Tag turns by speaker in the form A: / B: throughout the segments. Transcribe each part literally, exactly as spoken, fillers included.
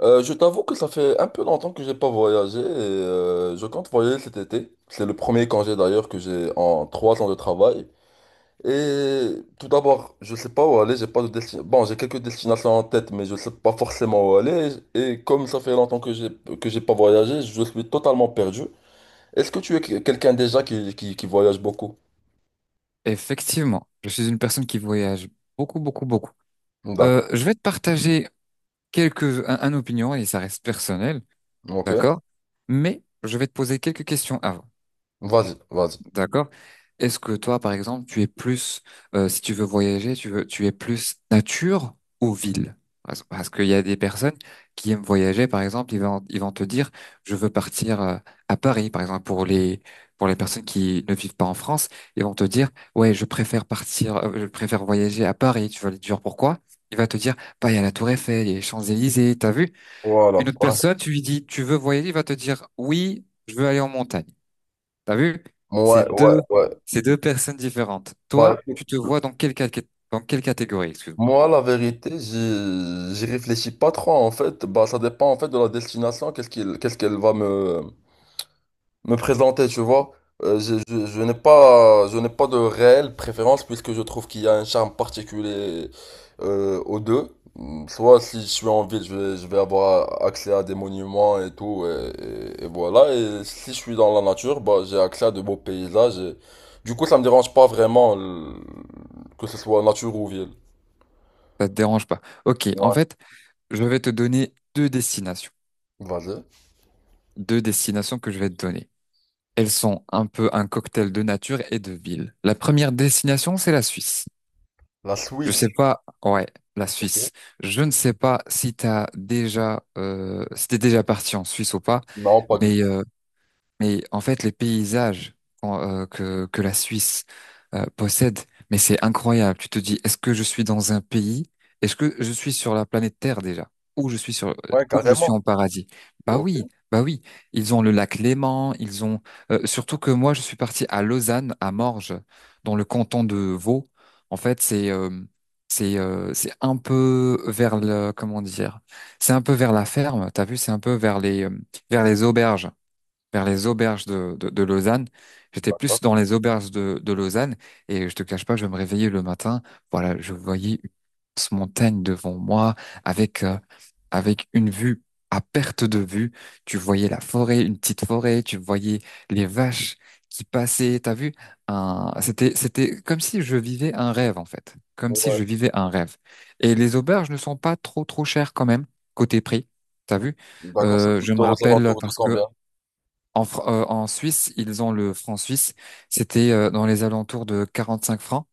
A: Euh, je t'avoue que ça fait un peu longtemps que j'ai pas voyagé et euh, je compte voyager cet été. C'est le premier congé d'ailleurs que j'ai en trois ans de travail. Et tout d'abord, je sais pas où aller, j'ai pas de destination. Bon, j'ai quelques destinations en tête, mais je sais pas forcément où aller. Et comme ça fait longtemps que j'ai que j'ai pas voyagé, je suis totalement perdu. Est-ce que tu es que- quelqu'un déjà qui, qui, qui voyage beaucoup?
B: Effectivement, je suis une personne qui voyage beaucoup, beaucoup, beaucoup. Euh,
A: D'accord.
B: je vais te partager quelques, un, un opinion et ça reste personnel,
A: Ok.
B: d'accord? Mais je vais te poser quelques questions avant.
A: Vas-y, vas-y.
B: D'accord. Est-ce que toi, par exemple, tu es plus, euh, si tu veux voyager, tu veux, tu es plus nature ou ville? Parce, parce qu'il y a des personnes qui aiment voyager, par exemple, ils vont, ils vont te dire, je veux partir euh, à Paris, par exemple, pour les, pour les personnes qui ne vivent pas en France, ils vont te dire, ouais, je préfère partir, euh, je préfère voyager à Paris. Tu vas lui dire pourquoi? Il va te dire, bah, il y a la Tour Eiffel, il y a les Champs-Élysées, t'as vu? Une
A: Voilà.
B: autre
A: Ouais.
B: personne, tu lui dis, tu veux voyager, il va te dire, oui, je veux aller en montagne. T'as vu? C'est
A: Ouais, ouais,
B: deux,
A: ouais.
B: c'est deux personnes différentes.
A: Bah,
B: Toi, tu te
A: écoute.
B: vois dans quelle, cat- dans quelle catégorie, excuse-moi.
A: Moi, la vérité, j'y j'y réfléchis pas trop en fait. Bah, ça dépend en fait de la destination, qu'est-ce qu'il- qu'est-ce qu'elle va me, me présenter, tu vois. Euh, je je- je n'ai pas, je n'ai pas de réelle préférence puisque je trouve qu'il y a un charme particulier euh, aux deux. Mm, soit si je suis en ville, je vais, je vais avoir accès à des monuments et tout, et, et- et voilà. Et si je suis dans la nature, bah, j'ai accès à de beaux paysages. et- Du coup, ça me dérange pas vraiment le- que ce soit nature ou ville.
B: Ça te dérange pas. Ok, en
A: Ouais.
B: fait, je vais te donner deux destinations.
A: Vas-y.
B: Deux destinations que je vais te donner. Elles sont un peu un cocktail de nature et de ville. La première destination, c'est la Suisse.
A: La
B: Je
A: Suisse,
B: sais pas, ouais, la
A: ok.
B: Suisse. Je ne sais pas si t'as déjà, euh, si t'es déjà parti en Suisse ou pas,
A: Non, pas du
B: mais
A: tout.
B: euh, Mais en fait, les paysages qu'on- euh, que, que la Suisse euh, possède, mais c'est incroyable. Tu te dis, est-ce que je suis dans un pays? Est-ce que je suis sur la planète Terre déjà? Ou je suis sur, euh,
A: Ouais,
B: ou je suis
A: carrément.
B: en paradis? Bah
A: Ok,
B: oui, bah oui. Ils ont le lac Léman, ils ont, euh, surtout que moi, je suis parti à Lausanne, à Morges, dans le canton de Vaud. En fait, c'est, euh, c'est, euh, c'est un peu vers le, comment dire? C'est un peu vers la ferme. T'as vu, c'est un peu vers les, euh, vers les auberges vers les auberges de, de, de Lausanne. J'étais plus
A: d'accord.
B: dans les auberges de, de Lausanne et je te cache pas, je me réveillais le matin. Voilà, je voyais une immense montagne devant moi avec, euh, avec une vue à perte de vue. Tu voyais la forêt, une petite forêt, tu voyais les vaches qui passaient. T'as vu? Un... C'était, c'était comme si je vivais un rêve, en fait. Comme
A: Bon,
B: si
A: ouais.
B: je vivais un rêve. Et les auberges ne sont pas trop, trop chères quand même, côté prix. T'as vu?
A: D'accord, ça
B: Euh, je
A: coûte
B: me
A: aux
B: rappelle
A: alentours de
B: parce que
A: combien?
B: en, Fr- euh, en Suisse, ils ont le franc suisse. C'était euh, dans les alentours de quarante-cinq francs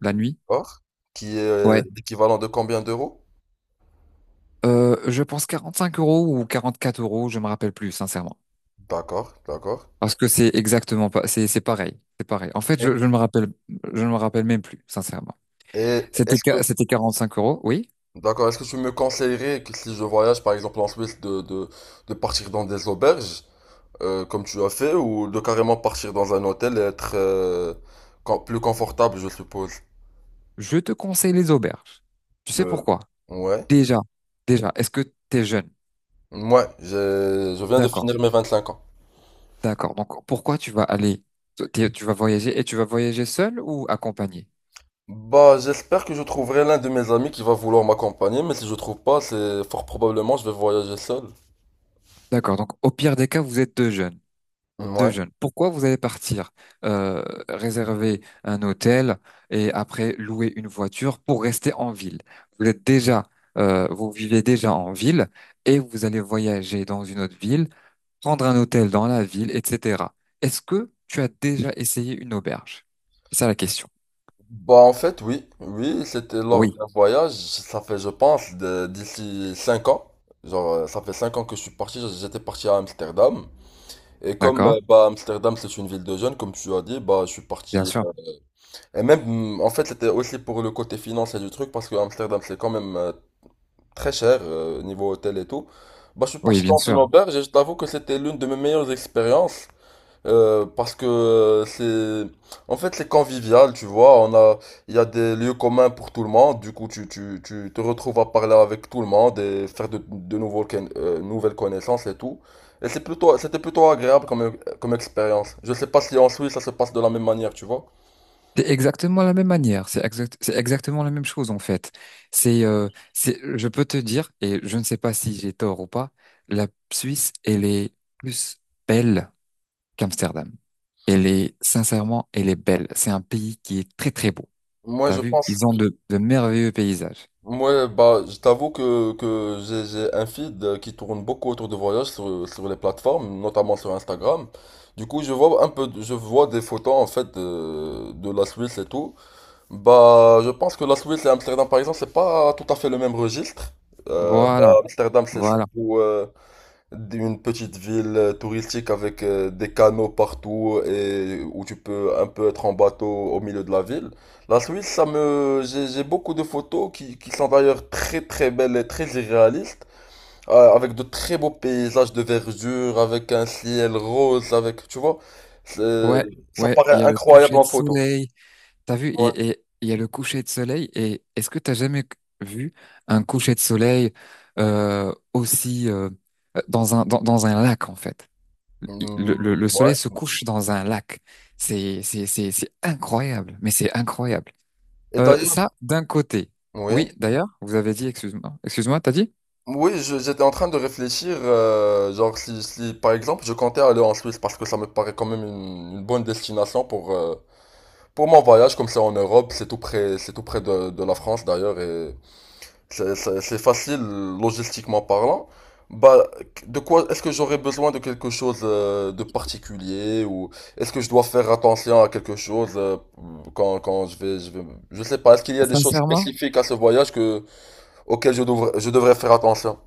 B: la nuit.
A: D'accord. Qui est
B: Ouais.
A: l'équivalent de combien d'euros?
B: Euh, je pense quarante-cinq euros ou quarante-quatre euros, je me rappelle plus, sincèrement.
A: D'accord, d'accord.
B: Parce que c'est exactement pas, c'est c'est pareil, c'est pareil. En fait,
A: Et,
B: je, je ne me rappelle, je ne me rappelle même plus, sincèrement.
A: et
B: C'était
A: est-ce que,
B: qua- c'était quarante-cinq euros, oui.
A: d'accord, est-ce que tu me conseillerais que si je voyage par exemple en Suisse de, de, de partir dans des auberges, euh, comme tu as fait, ou de carrément partir dans un hôtel et être euh, com- plus confortable, je suppose?
B: Je te conseille les auberges. Tu sais
A: Euh,
B: pourquoi?
A: ouais.
B: Déjà, déjà, est-ce que tu es jeune?
A: Moi, j'ai- je viens de
B: D'accord,
A: finir mes vingt-cinq ans.
B: d'accord. Donc pourquoi tu vas aller, t'es- tu vas voyager et tu vas voyager seul ou accompagné?
A: Bah, j'espère que je trouverai l'un de mes amis qui va vouloir m'accompagner, mais si je trouve pas, c'est fort probablement je vais voyager seul.
B: D'accord. Donc, au pire des cas, vous êtes deux jeunes. Deux
A: Ouais.
B: jeunes. Pourquoi vous allez partir euh, réserver un hôtel et après louer une voiture pour rester en ville? Vous êtes déjà, euh, vous vivez déjà en ville et vous allez voyager dans une autre ville, prendre un hôtel dans la ville, et cetera. Est-ce que tu as déjà essayé une auberge? C'est ça la question.
A: Bah, en fait, oui, oui, c'était lors
B: Oui.
A: d'un voyage, ça fait, je pense, de- d'ici cinq ans. Genre, euh, ça fait cinq ans que je suis parti, j'étais parti à Amsterdam. Et comme,
B: D'accord.
A: euh, bah, Amsterdam, c'est une ville de jeunes, comme tu as dit, bah, je suis
B: Bien
A: parti.
B: sûr.
A: euh, Et même, mm, en fait, c'était aussi pour le côté financier du truc, parce que Amsterdam, c'est quand même euh, très cher euh, niveau hôtel et tout. Bah, je suis
B: Oui,
A: parti
B: bien
A: dans une
B: sûr.
A: auberge et je t'avoue que c'était l'une de mes meilleures expériences euh, parce que euh, c'est en fait c'est convivial, tu vois. On a il y a des lieux communs pour tout le monde. Du coup, tu, tu, tu te retrouves à parler avec tout le monde et faire de, de nouveaux ken- euh, nouvelles connaissances et tout. Et c'est plutôt c'était plutôt agréable comme comme expérience. Je sais pas si en Suisse ça se passe de la même manière, tu vois.
B: C'est exactement la même manière, c'est exact, c'est exactement la même chose en fait. C'est, euh, c'est, je peux te dire, et je ne sais pas si j'ai tort ou pas, la Suisse, elle est plus belle qu'Amsterdam. Elle est, sincèrement, elle est belle. C'est un pays qui est très très beau.
A: Moi,
B: T'as
A: je
B: vu?
A: pense.
B: Ils ont de, de merveilleux paysages.
A: Ouais, bah, je t'avoue que, que j'ai j'ai un feed euh, qui tourne beaucoup autour de voyages sur, sur les plateformes, notamment sur Instagram. Du coup, je vois un peu, de- je vois des photos en fait de, de la Suisse et tout. Bah, je pense que la Suisse et Amsterdam, par exemple, c'est pas tout à fait le même registre. Euh, bah,
B: Voilà,
A: Amsterdam, c'est
B: voilà.
A: surtout, euh, une petite ville euh, touristique avec euh, des canaux partout et où tu peux un peu être en bateau au milieu de la ville. La Suisse, ça me, j'ai j'ai beaucoup de photos qui, qui sont d'ailleurs très très belles et très irréalistes, euh, avec de très beaux paysages de verdure, avec un ciel rose, avec, tu vois, c'est-
B: Ouais,
A: ça
B: ouais, il
A: paraît
B: y a le
A: incroyable
B: coucher
A: en
B: de
A: photo.
B: soleil. T'as vu,
A: Ouais.
B: et et- il y a le coucher de soleil, et est-ce que t'as jamais vu un coucher de soleil euh, aussi euh, dans un dans, dans un lac en fait? Le,
A: Mm,
B: le, le
A: ouais.
B: soleil se couche dans un lac. C'est c'est c'est c'est incroyable, mais c'est incroyable.
A: Et
B: Euh,
A: d'ailleurs,
B: ça d'un côté.
A: oui.
B: Oui, d'ailleurs, vous avez dit, excuse-moi, excuse-moi, t'as dit?
A: Oui, je- j'étais en train de réfléchir, euh, genre si, si, par exemple je comptais aller en Suisse parce que ça me paraît quand même une, une bonne destination pour, euh, pour mon voyage, comme c'est en Europe, c'est tout près, c'est tout près de, de la France d'ailleurs et c'est c'est- c'est facile logistiquement parlant. Bah, de quoi est-ce que j'aurais besoin de quelque chose euh, de particulier ou est-ce que je dois faire attention à quelque chose euh, quand, quand je vais, je vais, je sais pas, est-ce qu'il y a des choses
B: Sincèrement?
A: spécifiques à ce voyage que, auxquelles je devrais, je devrais faire attention?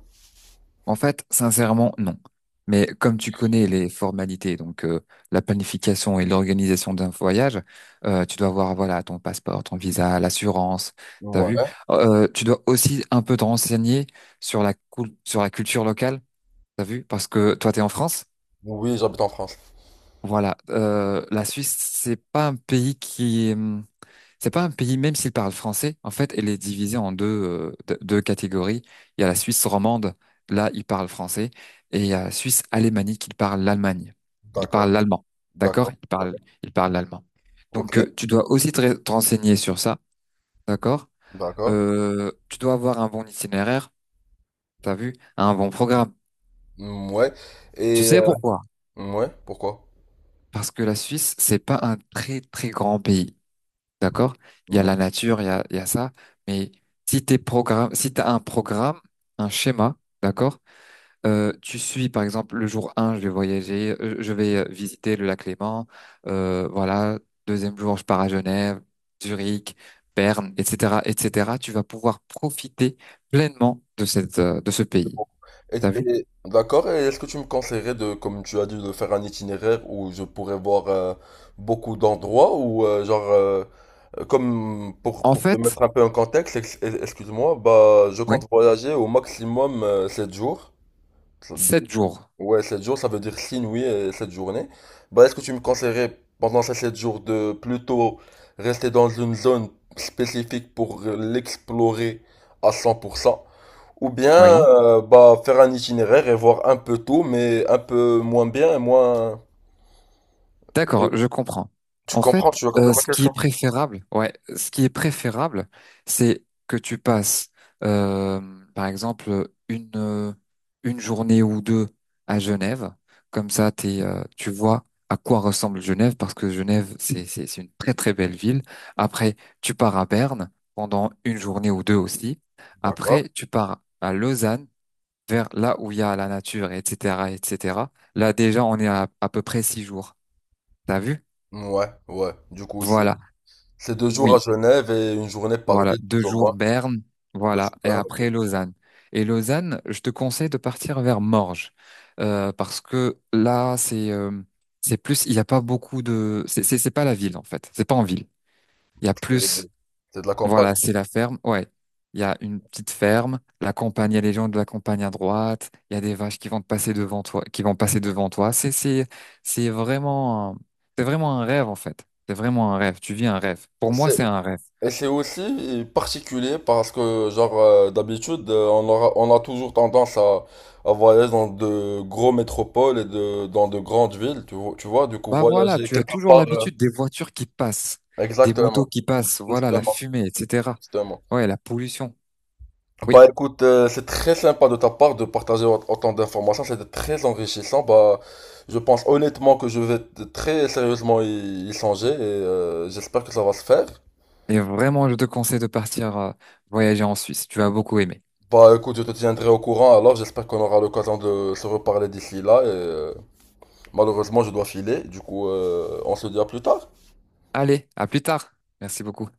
B: En fait, sincèrement, non. Mais comme tu connais les formalités, donc euh, la planification et l'organisation d'un voyage, euh, tu dois avoir voilà ton passeport, ton visa, l'assurance, t'as vu.
A: Ouais.
B: Oh, Euh, tu dois aussi un peu te renseigner sur la cul- sur la culture locale, t'as vu, parce que toi t'es en France.
A: Oui, j'habite en France.
B: Voilà, euh, la Suisse c'est pas un pays qui c'est pas un pays, même s'il parle français, en fait, elle est divisée en deux, euh, de- deux catégories. Il y a la Suisse romande, là, il parle français, et il y a la Suisse alémanique, il parle l'Allemagne. Il parle
A: D'accord,
B: l'allemand, d'accord?
A: d'accord,
B: Il
A: d'accord.
B: parle, il parle l'allemand.
A: Ok,
B: Donc, euh, tu dois aussi te, re- te renseigner sur ça, d'accord?
A: d'accord.
B: Euh, tu dois avoir un bon itinéraire, t'as vu, un bon programme.
A: Mm, ouais.
B: Tu
A: Et
B: sais
A: euh,
B: pourquoi?
A: ouais, pourquoi?
B: Parce que la Suisse, c'est pas un très, très grand pays. D'accord? Il y a
A: Ouais,
B: la nature, il y a, il y a ça. Mais si t'es programme, si t'as un programme, un schéma, d'accord? Euh, tu suis, par exemple, le jour un, je vais voyager, euh, je vais euh, visiter le lac Léman. Euh, voilà. Deuxième jour, je pars à Genève, Zurich, Berne, et cetera, et cetera. Tu vas pouvoir profiter pleinement de cette, euh, de ce
A: c'est
B: pays.
A: pour- Et,
B: T'as vu?
A: et- d'accord, et est-ce que tu me conseillerais de, comme tu as dit, de faire un itinéraire où je pourrais voir euh, beaucoup d'endroits ou euh, genre, euh, comme pour,
B: En
A: pour te
B: fait,
A: mettre un peu en contexte, ex- excuse-moi, bah je
B: oui.
A: compte voyager au maximum euh, sept jours.
B: Sept jours.
A: Ouais, sept jours, ça veut dire signe, oui, et sept journées. Bah, est-ce que tu me conseillerais pendant ces sept jours de plutôt rester dans une zone spécifique pour euh, l'explorer à cent pour cent, ou bien
B: Oui.
A: euh, bah, faire un itinéraire et voir un peu tout, mais un peu moins bien et moins... Et
B: D'accord, je comprends.
A: tu
B: En
A: comprends,
B: fait,
A: tu as
B: euh,
A: compris ma
B: ce qui est
A: question?
B: préférable, ouais, ce qui est préférable, c'est que tu passes, euh, par exemple, une euh, une journée ou deux à Genève. Comme ça, t'es, euh, tu vois à quoi ressemble Genève, parce que Genève, c'est c'est c'est une très très belle ville. Après, tu pars à Berne pendant une journée ou deux aussi.
A: D'accord.
B: Après, tu pars à Lausanne, vers là où il y a la nature, et cetera, et cetera. Là, déjà, on est à à peu près six jours. T'as vu?
A: Ouais, ouais. Du coup, c'est
B: Voilà,
A: c'est deux jours à
B: oui,
A: Genève et une journée par
B: voilà,
A: ville,
B: deux
A: plus ou
B: jours
A: moins.
B: Berne,
A: Deux
B: voilà,
A: jours,
B: et
A: par an, ok.
B: après Lausanne. Et Lausanne, je te conseille de partir vers Morges, euh, parce que là, c'est euh, c'est plus, il n'y a pas beaucoup de, c'est c'est c'est pas la ville en fait, c'est pas en ville. Il y a
A: C'est
B: plus,
A: c'est de la campagne.
B: voilà, c'est la ferme, ouais. Il y a une petite ferme, la campagne, il y a les gens de la campagne à droite, il y a des vaches qui vont te passer devant toi, qui vont passer devant toi. C'est c'est c'est vraiment, un- c'est vraiment un rêve en fait. C'est vraiment un rêve. Tu vis un rêve. Pour moi, c'est un rêve.
A: Et c'est aussi particulier parce que, genre, euh, d'habitude, euh, on aura, on a toujours tendance à, à voyager dans de gros métropoles et de, dans de grandes villes, tu vois, tu vois, du coup,
B: Bah voilà,
A: voyager
B: tu as
A: quelque
B: toujours
A: part. euh,
B: l'habitude des voitures qui passent, des motos
A: exactement,
B: qui passent, voilà, la
A: justement,
B: fumée, et cetera.
A: justement.
B: Ouais, la pollution. Oui.
A: Bah écoute, euh, c'est très sympa de ta part de partager au- autant d'informations, c'était très enrichissant. Bah, je pense honnêtement que je vais t- très sérieusement y, y songer et euh, j'espère que ça va se faire.
B: Et vraiment, je te conseille de partir euh, voyager en Suisse. Tu vas beaucoup aimer.
A: Bah écoute, je te tiendrai au courant alors, j'espère qu'on aura l'occasion de se reparler d'ici là. Et, euh, malheureusement, je dois filer, du coup, euh, on se dit à plus tard.
B: Allez, à plus tard. Merci beaucoup.